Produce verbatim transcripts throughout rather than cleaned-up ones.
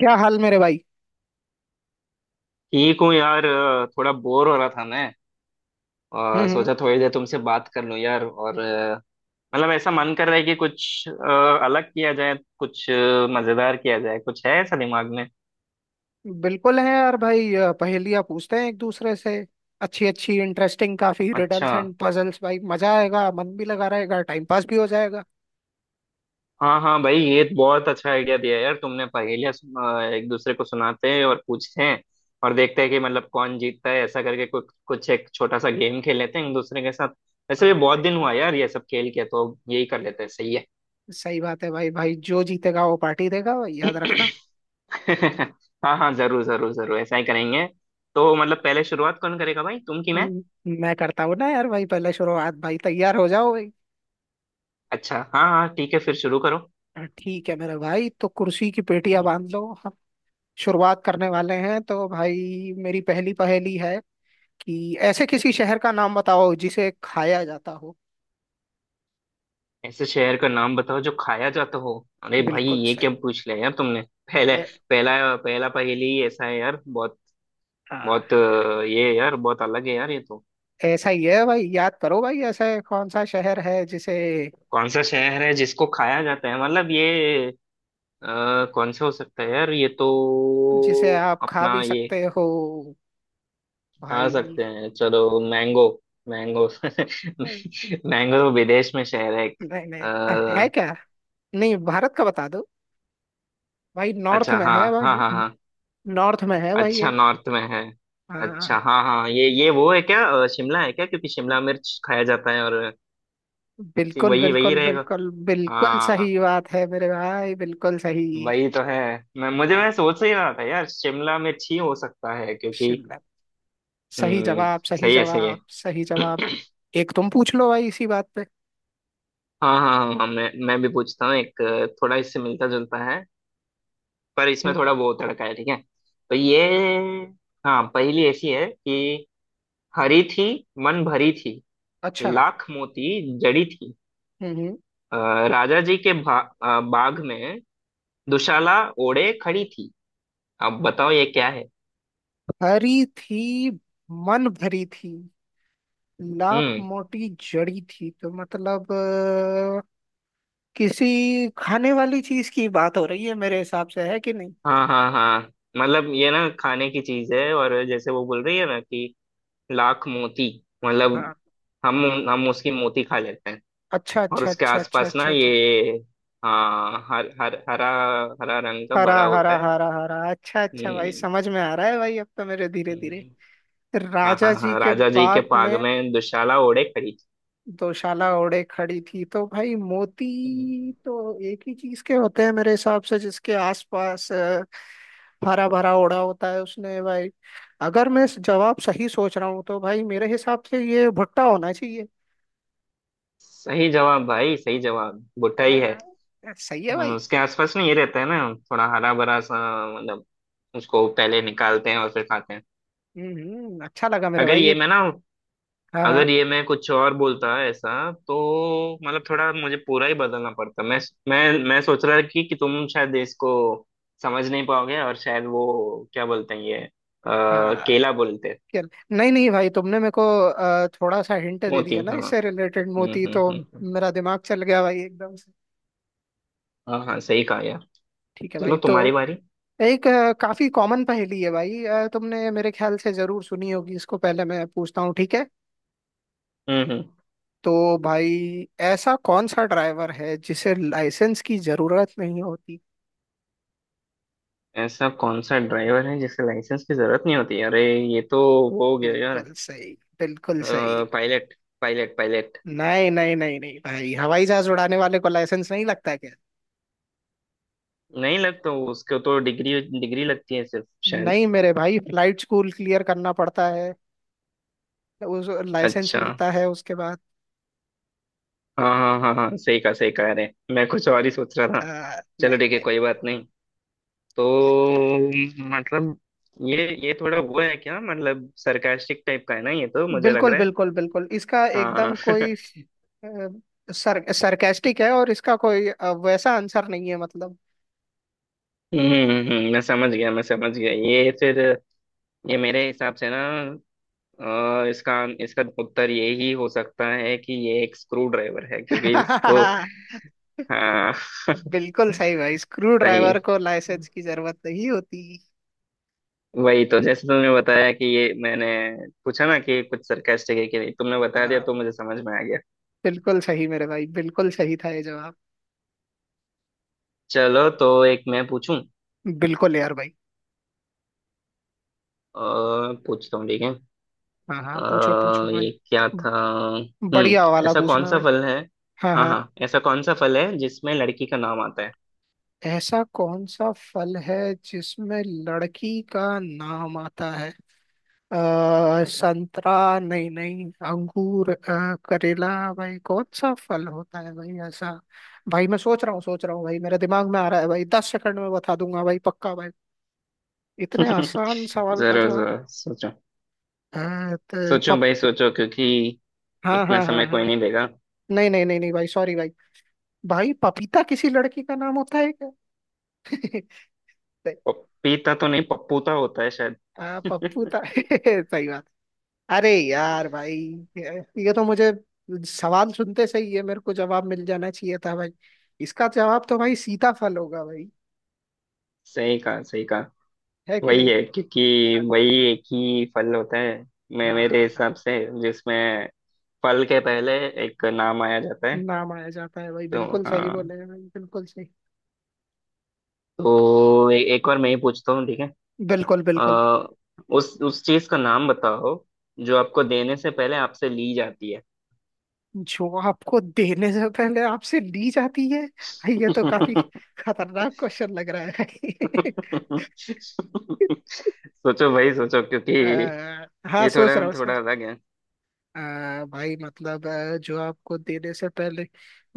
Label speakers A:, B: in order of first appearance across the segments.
A: क्या हाल मेरे भाई।
B: ठीक हूँ यार, अ, थोड़ा बोर हो रहा था मैं। और
A: हम्म।
B: सोचा थोड़ी देर तुमसे बात कर लूँ यार, और अ, मतलब ऐसा मन कर रहा है कि कुछ अ, अलग किया जाए, कुछ अ, मजेदार किया जाए, कुछ है ऐसा दिमाग में।
A: हम्म, बिल्कुल है यार भाई अ, पहेलियाँ पूछते हैं एक दूसरे से। अच्छी अच्छी इंटरेस्टिंग काफी
B: अच्छा।
A: रिडल्स एंड पजल्स भाई मजा आएगा मन भी लगा रहेगा टाइम पास भी हो जाएगा।
B: हाँ हाँ भाई, ये तो बहुत अच्छा आइडिया दिया यार तुमने। पहेलियाँ सुन- अ, एक दूसरे को सुनाते हैं और पूछते हैं, और देखते हैं कि मतलब कौन जीतता है, ऐसा करके कुछ कुछ एक छोटा सा गेम खेल लेते हैं एक दूसरे के साथ। वैसे
A: हाँ
B: भी बहुत
A: भाई।
B: दिन हुआ यार ये सब खेल के, तो यही कर लेते हैं, सही है।
A: सही बात है भाई, भाई जो जीतेगा वो पार्टी देगा भाई याद रखना।
B: हाँ हाँ, जरूर जरूर जरूर, ऐसा ही करेंगे। तो मतलब पहले शुरुआत कौन करेगा भाई, तुम कि मैं?
A: हम्म, मैं करता हूँ ना यार भाई पहले शुरुआत, भाई तैयार हो जाओ भाई।
B: अच्छा, हाँ हाँ, ठीक है, फिर शुरू करो।
A: हाँ, ठीक है मेरे भाई, तो कुर्सी की पेटियां
B: हम्म।
A: बांध लो, हम शुरुआत करने वाले हैं। तो भाई मेरी पहली पहेली है कि ऐसे किसी शहर का नाम बताओ जिसे खाया जाता हो।
B: ऐसे शहर का नाम बताओ जो खाया जाता हो। अरे भाई,
A: बिल्कुल
B: ये क्या
A: सही।
B: पूछ लिया यार तुमने पहले।
A: ए,
B: पहला पहला पहेली ही ऐसा है यार, बहुत
A: हाँ,
B: बहुत अ, ये यार, बहुत अलग है यार ये तो।
A: ऐसा ही है भाई, याद करो भाई ऐसा कौन सा शहर है जिसे,
B: कौन सा शहर है जिसको खाया जाता है, मतलब ये अ, कौन सा हो सकता है यार ये तो।
A: जिसे आप खा
B: अपना
A: भी
B: ये
A: सकते हो
B: आ
A: भाई।
B: सकते हैं, चलो मैंगो। मैंगो। मैंगो विदेश में शहर है एक।
A: नहीं नहीं। है
B: अ,
A: क्या। नहीं, भारत का बता दो भाई, नॉर्थ
B: अच्छा,
A: में
B: हाँ
A: है
B: हाँ हाँ
A: भाई।
B: हाँ।
A: नॉर्थ में है भाई
B: अच्छा,
A: एक।
B: नॉर्थ में है।
A: हाँ।
B: अच्छा हाँ हाँ, ये ये वो है क्या, अ, शिमला है क्या? क्योंकि शिमला मिर्च खाया जाता है, और सी-
A: बिल्कुल
B: वही वही
A: बिल्कुल
B: रहेगा।
A: बिल्कुल बिल्कुल
B: हाँ।
A: सही बात है मेरे भाई, बिल्कुल सही।
B: वही तो है। मैं मुझे मैं
A: हाँ।
B: सोच ही रहा था यार, शिमला मिर्च ही हो सकता है क्योंकि।
A: शिमला। सही
B: हम्म।
A: जवाब, सही
B: सही है, सही है।
A: जवाब, सही जवाब। एक तुम पूछ लो भाई इसी बात पे।
B: हाँ हाँ हाँ हाँ, मैं मैं भी पूछता हूँ एक, अ, थोड़ा इससे मिलता जुलता है, पर इसमें
A: हम्म,
B: थोड़ा वो तड़का है, ठीक है। तो ये, हाँ, पहेली ऐसी है कि हरी थी, मन भरी थी,
A: अच्छा।
B: लाख मोती जड़ी थी।
A: हम्म हम्म।
B: अ, राजा जी के भा, अ, बाग में दुशाला ओढ़े खड़ी थी। अब बताओ ये क्या है?
A: हरी थी, मन भरी थी, लाख
B: हम्म।
A: मोटी जड़ी थी, तो मतलब अ, किसी खाने वाली चीज की बात हो रही है मेरे हिसाब से, है कि नहीं।
B: हाँ हाँ हाँ, मतलब ये ना खाने की चीज है, और जैसे वो बोल रही है ना कि लाख मोती, मतलब
A: हाँ।
B: हम हम उसकी मोती खा लेते हैं,
A: अच्छा
B: और
A: अच्छा
B: उसके
A: अच्छा अच्छा
B: आसपास ना
A: अच्छा अच्छा।
B: ये, हाँ, हर हर हरा, हरा रंग का
A: हरा
B: भरा
A: हरा
B: होता है।
A: हरा हरा, अच्छा अच्छा भाई
B: हम्म,
A: समझ में आ रहा है भाई अब तो मेरे, धीरे धीरे।
B: हम्म। हाँ हाँ
A: राजा जी
B: हाँ,
A: के
B: राजा जी के
A: बाग
B: पाग
A: में
B: में दुशाला ओढ़े खड़ी थी।
A: दोशाला ओढ़े खड़ी थी, तो भाई
B: हम्म।
A: मोती तो एक ही चीज के होते हैं मेरे हिसाब से, जिसके आसपास हरा भरा ओढ़ा होता है उसने, भाई अगर मैं जवाब सही सोच रहा हूँ तो भाई मेरे हिसाब से ये भुट्टा होना चाहिए।
B: सही जवाब भाई, सही जवाब, बुट्टा ही है।
A: आ, सही है
B: हम्म,
A: भाई।
B: उसके आसपास ना ये रहता है ना, थोड़ा हरा भरा सा। मतलब उसको पहले निकालते हैं और फिर खाते हैं।
A: हम्म, अच्छा लगा मेरे
B: अगर
A: भाई
B: ये
A: ये।
B: मैं ना,
A: हाँ हाँ,
B: अगर ये मैं कुछ और बोलता ऐसा, तो मतलब थोड़ा मुझे पूरा ही बदलना पड़ता। मैं मैं मैं सोच रहा कि कि तुम शायद इसको समझ नहीं पाओगे, और शायद वो क्या बोलते हैं ये, आ,
A: हाँ,
B: केला बोलते हैं।
A: चल, नहीं नहीं भाई तुमने मेरे को आ, थोड़ा सा हिंट दे दिया
B: मोती,
A: ना,
B: हाँ।
A: इससे रिलेटेड
B: हम्म
A: मोती,
B: हम्म
A: तो
B: हम्म हम्म।
A: मेरा दिमाग चल गया भाई एकदम से।
B: हाँ हाँ, सही कहा यार।
A: ठीक है भाई।
B: चलो,
A: तो
B: तुम्हारी बारी।
A: एक आ, काफी कॉमन पहेली है भाई, आ, तुमने मेरे ख्याल से जरूर सुनी होगी इसको, पहले मैं पूछता हूँ ठीक है।
B: हम्म हम्म।
A: तो भाई ऐसा कौन सा ड्राइवर है जिसे लाइसेंस की जरूरत नहीं होती।
B: ऐसा कौन सा ड्राइवर है जिसे लाइसेंस की जरूरत नहीं होती? अरे, ये तो वो हो गया यार।
A: बिल्कुल सही। बिल्कुल सही।
B: पायलट। Pilot, pilot.
A: नहीं नहीं नहीं नहीं भाई, हवाई जहाज उड़ाने वाले को लाइसेंस नहीं लगता है क्या।
B: नहीं लगता, उसको तो डिग्री डिग्री लगती है सिर्फ शायद।
A: नहीं मेरे भाई, फ्लाइट स्कूल क्लियर करना पड़ता है, उस लाइसेंस
B: अच्छा।
A: मिलता है उसके बाद।
B: हाँ। हाँ हाँ हाँ, सही कहा, सही कहा, अरे मैं कुछ और ही सोच रहा था।
A: आ,
B: चलो
A: नहीं
B: ठीक है,
A: नहीं।
B: कोई बात नहीं। तो मतलब, ये ये थोड़ा वो है क्या, मतलब सरकास्टिक टाइप का है ना, ये तो मुझे लग
A: बिल्कुल
B: रहा है।
A: बिल्कुल बिल्कुल, इसका एकदम
B: हाँ
A: कोई अ, सर सरकास्टिक है, और इसका कोई अ, वैसा आंसर नहीं है मतलब।
B: हम्म हम्म, हम्म, मैं समझ गया, मैं समझ गया ये फिर। ये मेरे हिसाब से ना, अ, इसका इसका उत्तर ये ही हो सकता है कि ये एक स्क्रू ड्राइवर है, क्योंकि उसको, हाँ
A: बिल्कुल सही भाई, स्क्रू
B: सही।
A: ड्राइवर को लाइसेंस की जरूरत नहीं होती।
B: वही तो, जैसे तुमने बताया कि ये मैंने पूछा ना कि कुछ सरकास्टिक है कि नहीं, तुमने बता दिया
A: हाँ।
B: तो मुझे समझ में आ गया।
A: बिल्कुल सही मेरे भाई, बिल्कुल सही था ये जवाब।
B: चलो तो एक मैं पूछूं।
A: बिल्कुल यार भाई।
B: अ, पूछता हूँ, ठीक है।
A: हाँ हाँ पूछो पूछो
B: अ,
A: भाई।
B: ये क्या था?
A: बढ़िया
B: हम्म
A: वाला
B: ऐसा कौन
A: पूछना
B: सा
A: भाई।
B: फल है,
A: हाँ
B: हाँ
A: हाँ।
B: हाँ, ऐसा कौन सा फल है जिसमें लड़की का नाम आता है?
A: ऐसा कौन सा फल है जिसमें लड़की का नाम आता है। आ, संतरा। नहीं नहीं। अंगूर, अ, करेला। भाई कौन सा फल होता है भाई ऐसा। भाई मैं सोच रहा हूँ सोच रहा हूँ भाई, मेरे दिमाग में आ रहा है भाई, दस सेकंड में बता दूंगा भाई पक्का भाई, इतने आसान सवाल का
B: जरूर
A: जवाब।
B: जरूर, सोचो।
A: हाँ तो
B: सोचो
A: पप
B: भाई सोचो, क्योंकि
A: हाँ
B: इतना
A: हाँ हाँ
B: समय कोई
A: हाँ,
B: नहीं देगा।
A: नहीं नहीं नहीं नहीं भाई, सॉरी भाई। भाई पपीता किसी लड़की का नाम होता है क्या। सही-
B: पपीता तो नहीं, पप्पूता होता है शायद।
A: हाँ पप्पूता सही बात। अरे यार भाई, ये तो मुझे, सवाल सुनते से ही है मेरे को, जवाब मिल जाना चाहिए था भाई। इसका जवाब तो भाई सीताफल होगा भाई।
B: सही कहा, सही कहा।
A: है कि
B: वही
A: नहीं।
B: है, क्योंकि
A: हाँ,
B: वही एक ही फल होता है मैं, मेरे
A: हाँ, हाँ,
B: हिसाब से, जिसमें फल के पहले एक नाम आया जाता है।
A: नाम आया जाता है भाई,
B: तो
A: बिल्कुल सही
B: हाँ,
A: बोले हैं भाई, बिल्कुल सही।
B: तो ए, एक बार मैं ही पूछता हूँ, ठीक है।
A: बिल्कुल बिल्कुल।
B: अ, उस उस चीज का नाम बताओ जो आपको देने से पहले आपसे ली जाती है।
A: जो आपको देने से पहले आपसे ली जाती है, ये तो काफी खतरनाक क्वेश्चन लग रहा है।
B: सोचो भाई सोचो, क्योंकि
A: आ, हाँ
B: ये थोड़ा
A: सोच रहा हूँ सर।
B: थोड़ा अलग।
A: आ, भाई मतलब अ, जो आपको देने से पहले,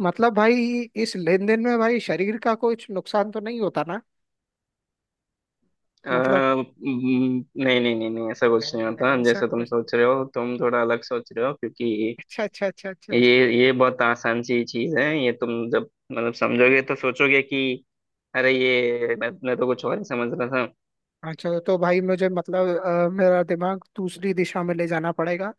A: मतलब भाई इस लेन देन में भाई शरीर का कुछ नुकसान तो नहीं होता ना।
B: अ,
A: मतलब,
B: न- नहीं नहीं नहीं नहीं, ऐसा कुछ नहीं
A: नहीं
B: होता
A: नहीं, ऐसा
B: जैसा तुम
A: कुछ।
B: सोच रहे हो, तुम थोड़ा अलग सोच रहे हो, क्योंकि
A: अच्छा अच्छा अच्छा अच्छा
B: ये
A: अच्छा
B: ये बहुत आसान सी चीज है, ये तुम जब मतलब समझोगे तो सोचोगे कि अरे ये मैं, मैं तो कुछ और ही समझ रहा था।
A: अच्छा। तो भाई मुझे मतलब अ, मेरा दिमाग दूसरी दिशा में ले जाना पड़ेगा,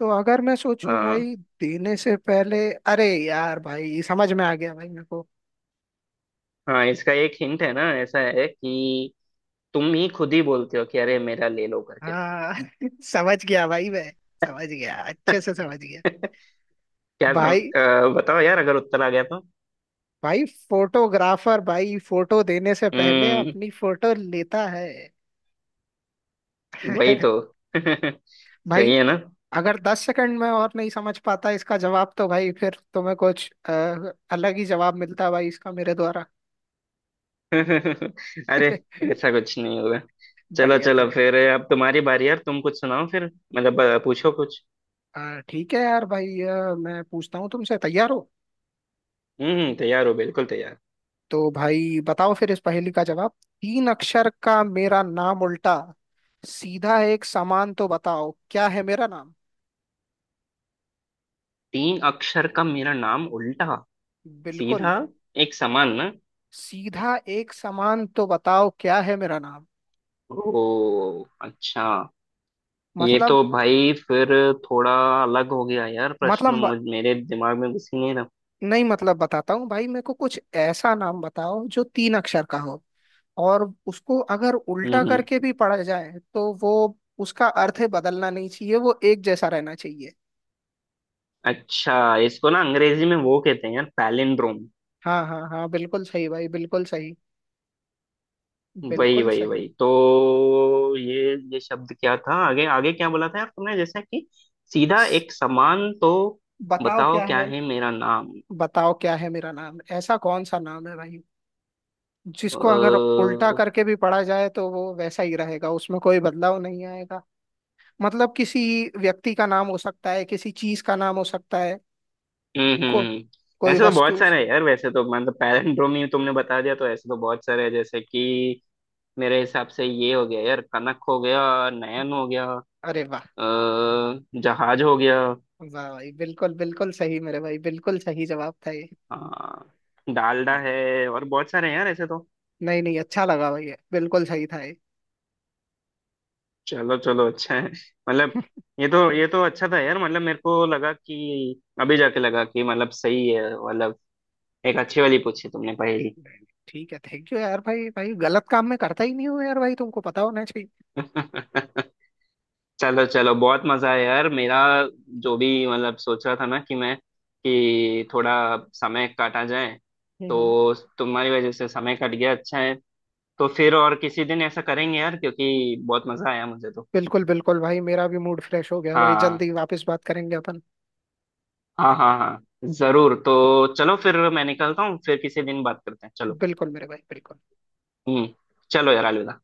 A: तो अगर मैं सोचूं
B: हाँ
A: भाई, देने से पहले, अरे यार भाई समझ में आ गया भाई मेरे को।
B: हाँ, इसका एक हिंट है ना, ऐसा है कि तुम ही खुद ही बोलते हो कि अरे मेरा ले लो करके।
A: हाँ समझ गया भाई मैं, समझ गया अच्छे से समझ गया।
B: क्या सम,
A: भाई।
B: अ, बताओ यार अगर उत्तर आ गया तो।
A: भाई। फोटोग्राफर भाई, फोटो देने से पहले
B: हम्म।
A: अपनी फोटो लेता है।
B: वही तो।
A: भाई
B: सही है ना?
A: अगर दस सेकंड में और नहीं समझ पाता इसका जवाब, तो भाई फिर तुम्हें कुछ अ, अलग ही जवाब मिलता भाई इसका मेरे द्वारा।
B: अरे, ऐसा कुछ नहीं होगा। चलो
A: बढ़िया था
B: चलो फिर,
A: बढ़िया।
B: अब तुम्हारी बारी यार, तुम कुछ सुनाओ फिर, मतलब अ, पूछो कुछ।
A: अ, ठीक है यार भाई, अ, मैं पूछता हूँ तुमसे, तैयार हो।
B: हम्म तैयार हो, बिल्कुल तैयार।
A: तो भाई बताओ फिर इस पहेली का जवाब। तीन अक्षर का मेरा नाम, उल्टा सीधा एक समान, तो बताओ क्या है मेरा नाम।
B: तीन अक्षर का मेरा नाम, उल्टा
A: बिल्कुल।
B: सीधा एक समान ना।
A: सीधा एक समान, तो बताओ क्या है मेरा नाम।
B: ओ अच्छा। ये
A: मतलब,
B: तो भाई फिर थोड़ा अलग हो गया यार
A: मतलब
B: प्रश्न,
A: ब-
B: मुझ मेरे दिमाग में घुस ही नहीं रहा।
A: नहीं मतलब बताता हूँ भाई, मेरे को कुछ ऐसा नाम बताओ जो तीन अक्षर का हो, और उसको अगर
B: हम्म
A: उल्टा
B: हम्म।
A: करके भी पढ़ा जाए तो वो, उसका अर्थ बदलना नहीं चाहिए, वो एक जैसा रहना चाहिए।
B: अच्छा, इसको ना अंग्रेजी में वो कहते हैं यार पैलिंड्रोम।
A: हाँ हाँ हाँ, बिल्कुल सही भाई बिल्कुल सही।
B: वही
A: बिल्कुल
B: वही
A: सही।
B: वही तो, ये ये शब्द क्या था, आगे आगे क्या बोला था यार तुमने, जैसा कि सीधा एक समान, तो
A: बताओ
B: बताओ
A: क्या
B: क्या
A: है।
B: है मेरा नाम?
A: बताओ क्या है मेरा नाम, ऐसा कौन सा नाम है भाई
B: अ,
A: जिसको अगर उल्टा
B: हम्म।
A: करके भी पढ़ा जाए तो वो वैसा ही रहेगा, उसमें कोई बदलाव नहीं आएगा। मतलब किसी व्यक्ति का नाम हो सकता है, किसी चीज का नाम हो सकता है,
B: हम्म,
A: को
B: हम्म।
A: कोई
B: ऐसे तो बहुत
A: वस्तु।
B: सारे हैं यार वैसे तो, मतलब पैलिंड्रोमी तुमने बता दिया तो ऐसे तो बहुत सारे हैं, जैसे कि मेरे हिसाब से ये हो गया यार, कनक हो गया, नयन हो गया,
A: अरे वाह।
B: अ, जहाज हो गया।
A: वाह भाई, बिल्कुल बिल्कुल सही मेरे भाई, बिल्कुल सही जवाब था ये।
B: हाँ, डालडा है, और बहुत सारे हैं यार ऐसे तो।
A: नहीं नहीं, अच्छा लगा भाई, ये बिल्कुल सही था ये।
B: चलो चलो, अच्छा है। मतलब ये तो, ये तो अच्छा था यार, मतलब मेरे को लगा कि अभी जाके लगा कि मतलब सही है, मतलब एक
A: नहीं,
B: अच्छी वाली पूछी तुमने पहेली।
A: नहीं, ठीक है, थैंक यू यार भाई, भाई गलत काम में करता ही नहीं हूँ यार भाई, तुमको पता होना चाहिए।
B: चलो चलो, बहुत मजा आया यार मेरा। जो भी मतलब सोच रहा था ना कि मैं कि थोड़ा समय काटा जाए,
A: हम्म, हम्म।
B: तो तुम्हारी वजह से समय कट गया, अच्छा है। तो फिर और किसी दिन ऐसा करेंगे यार, क्योंकि बहुत मजा आया मुझे तो।
A: बिल्कुल बिल्कुल भाई, मेरा भी मूड फ्रेश हो गया भाई,
B: हाँ
A: जल्दी वापस बात करेंगे अपन।
B: हाँ हाँ हाँ, जरूर, तो चलो फिर, मैं निकलता हूँ, फिर किसी दिन बात करते हैं, चलो।
A: बिल्कुल मेरे भाई बिल्कुल।
B: हम्म। चलो यार, अलविदा।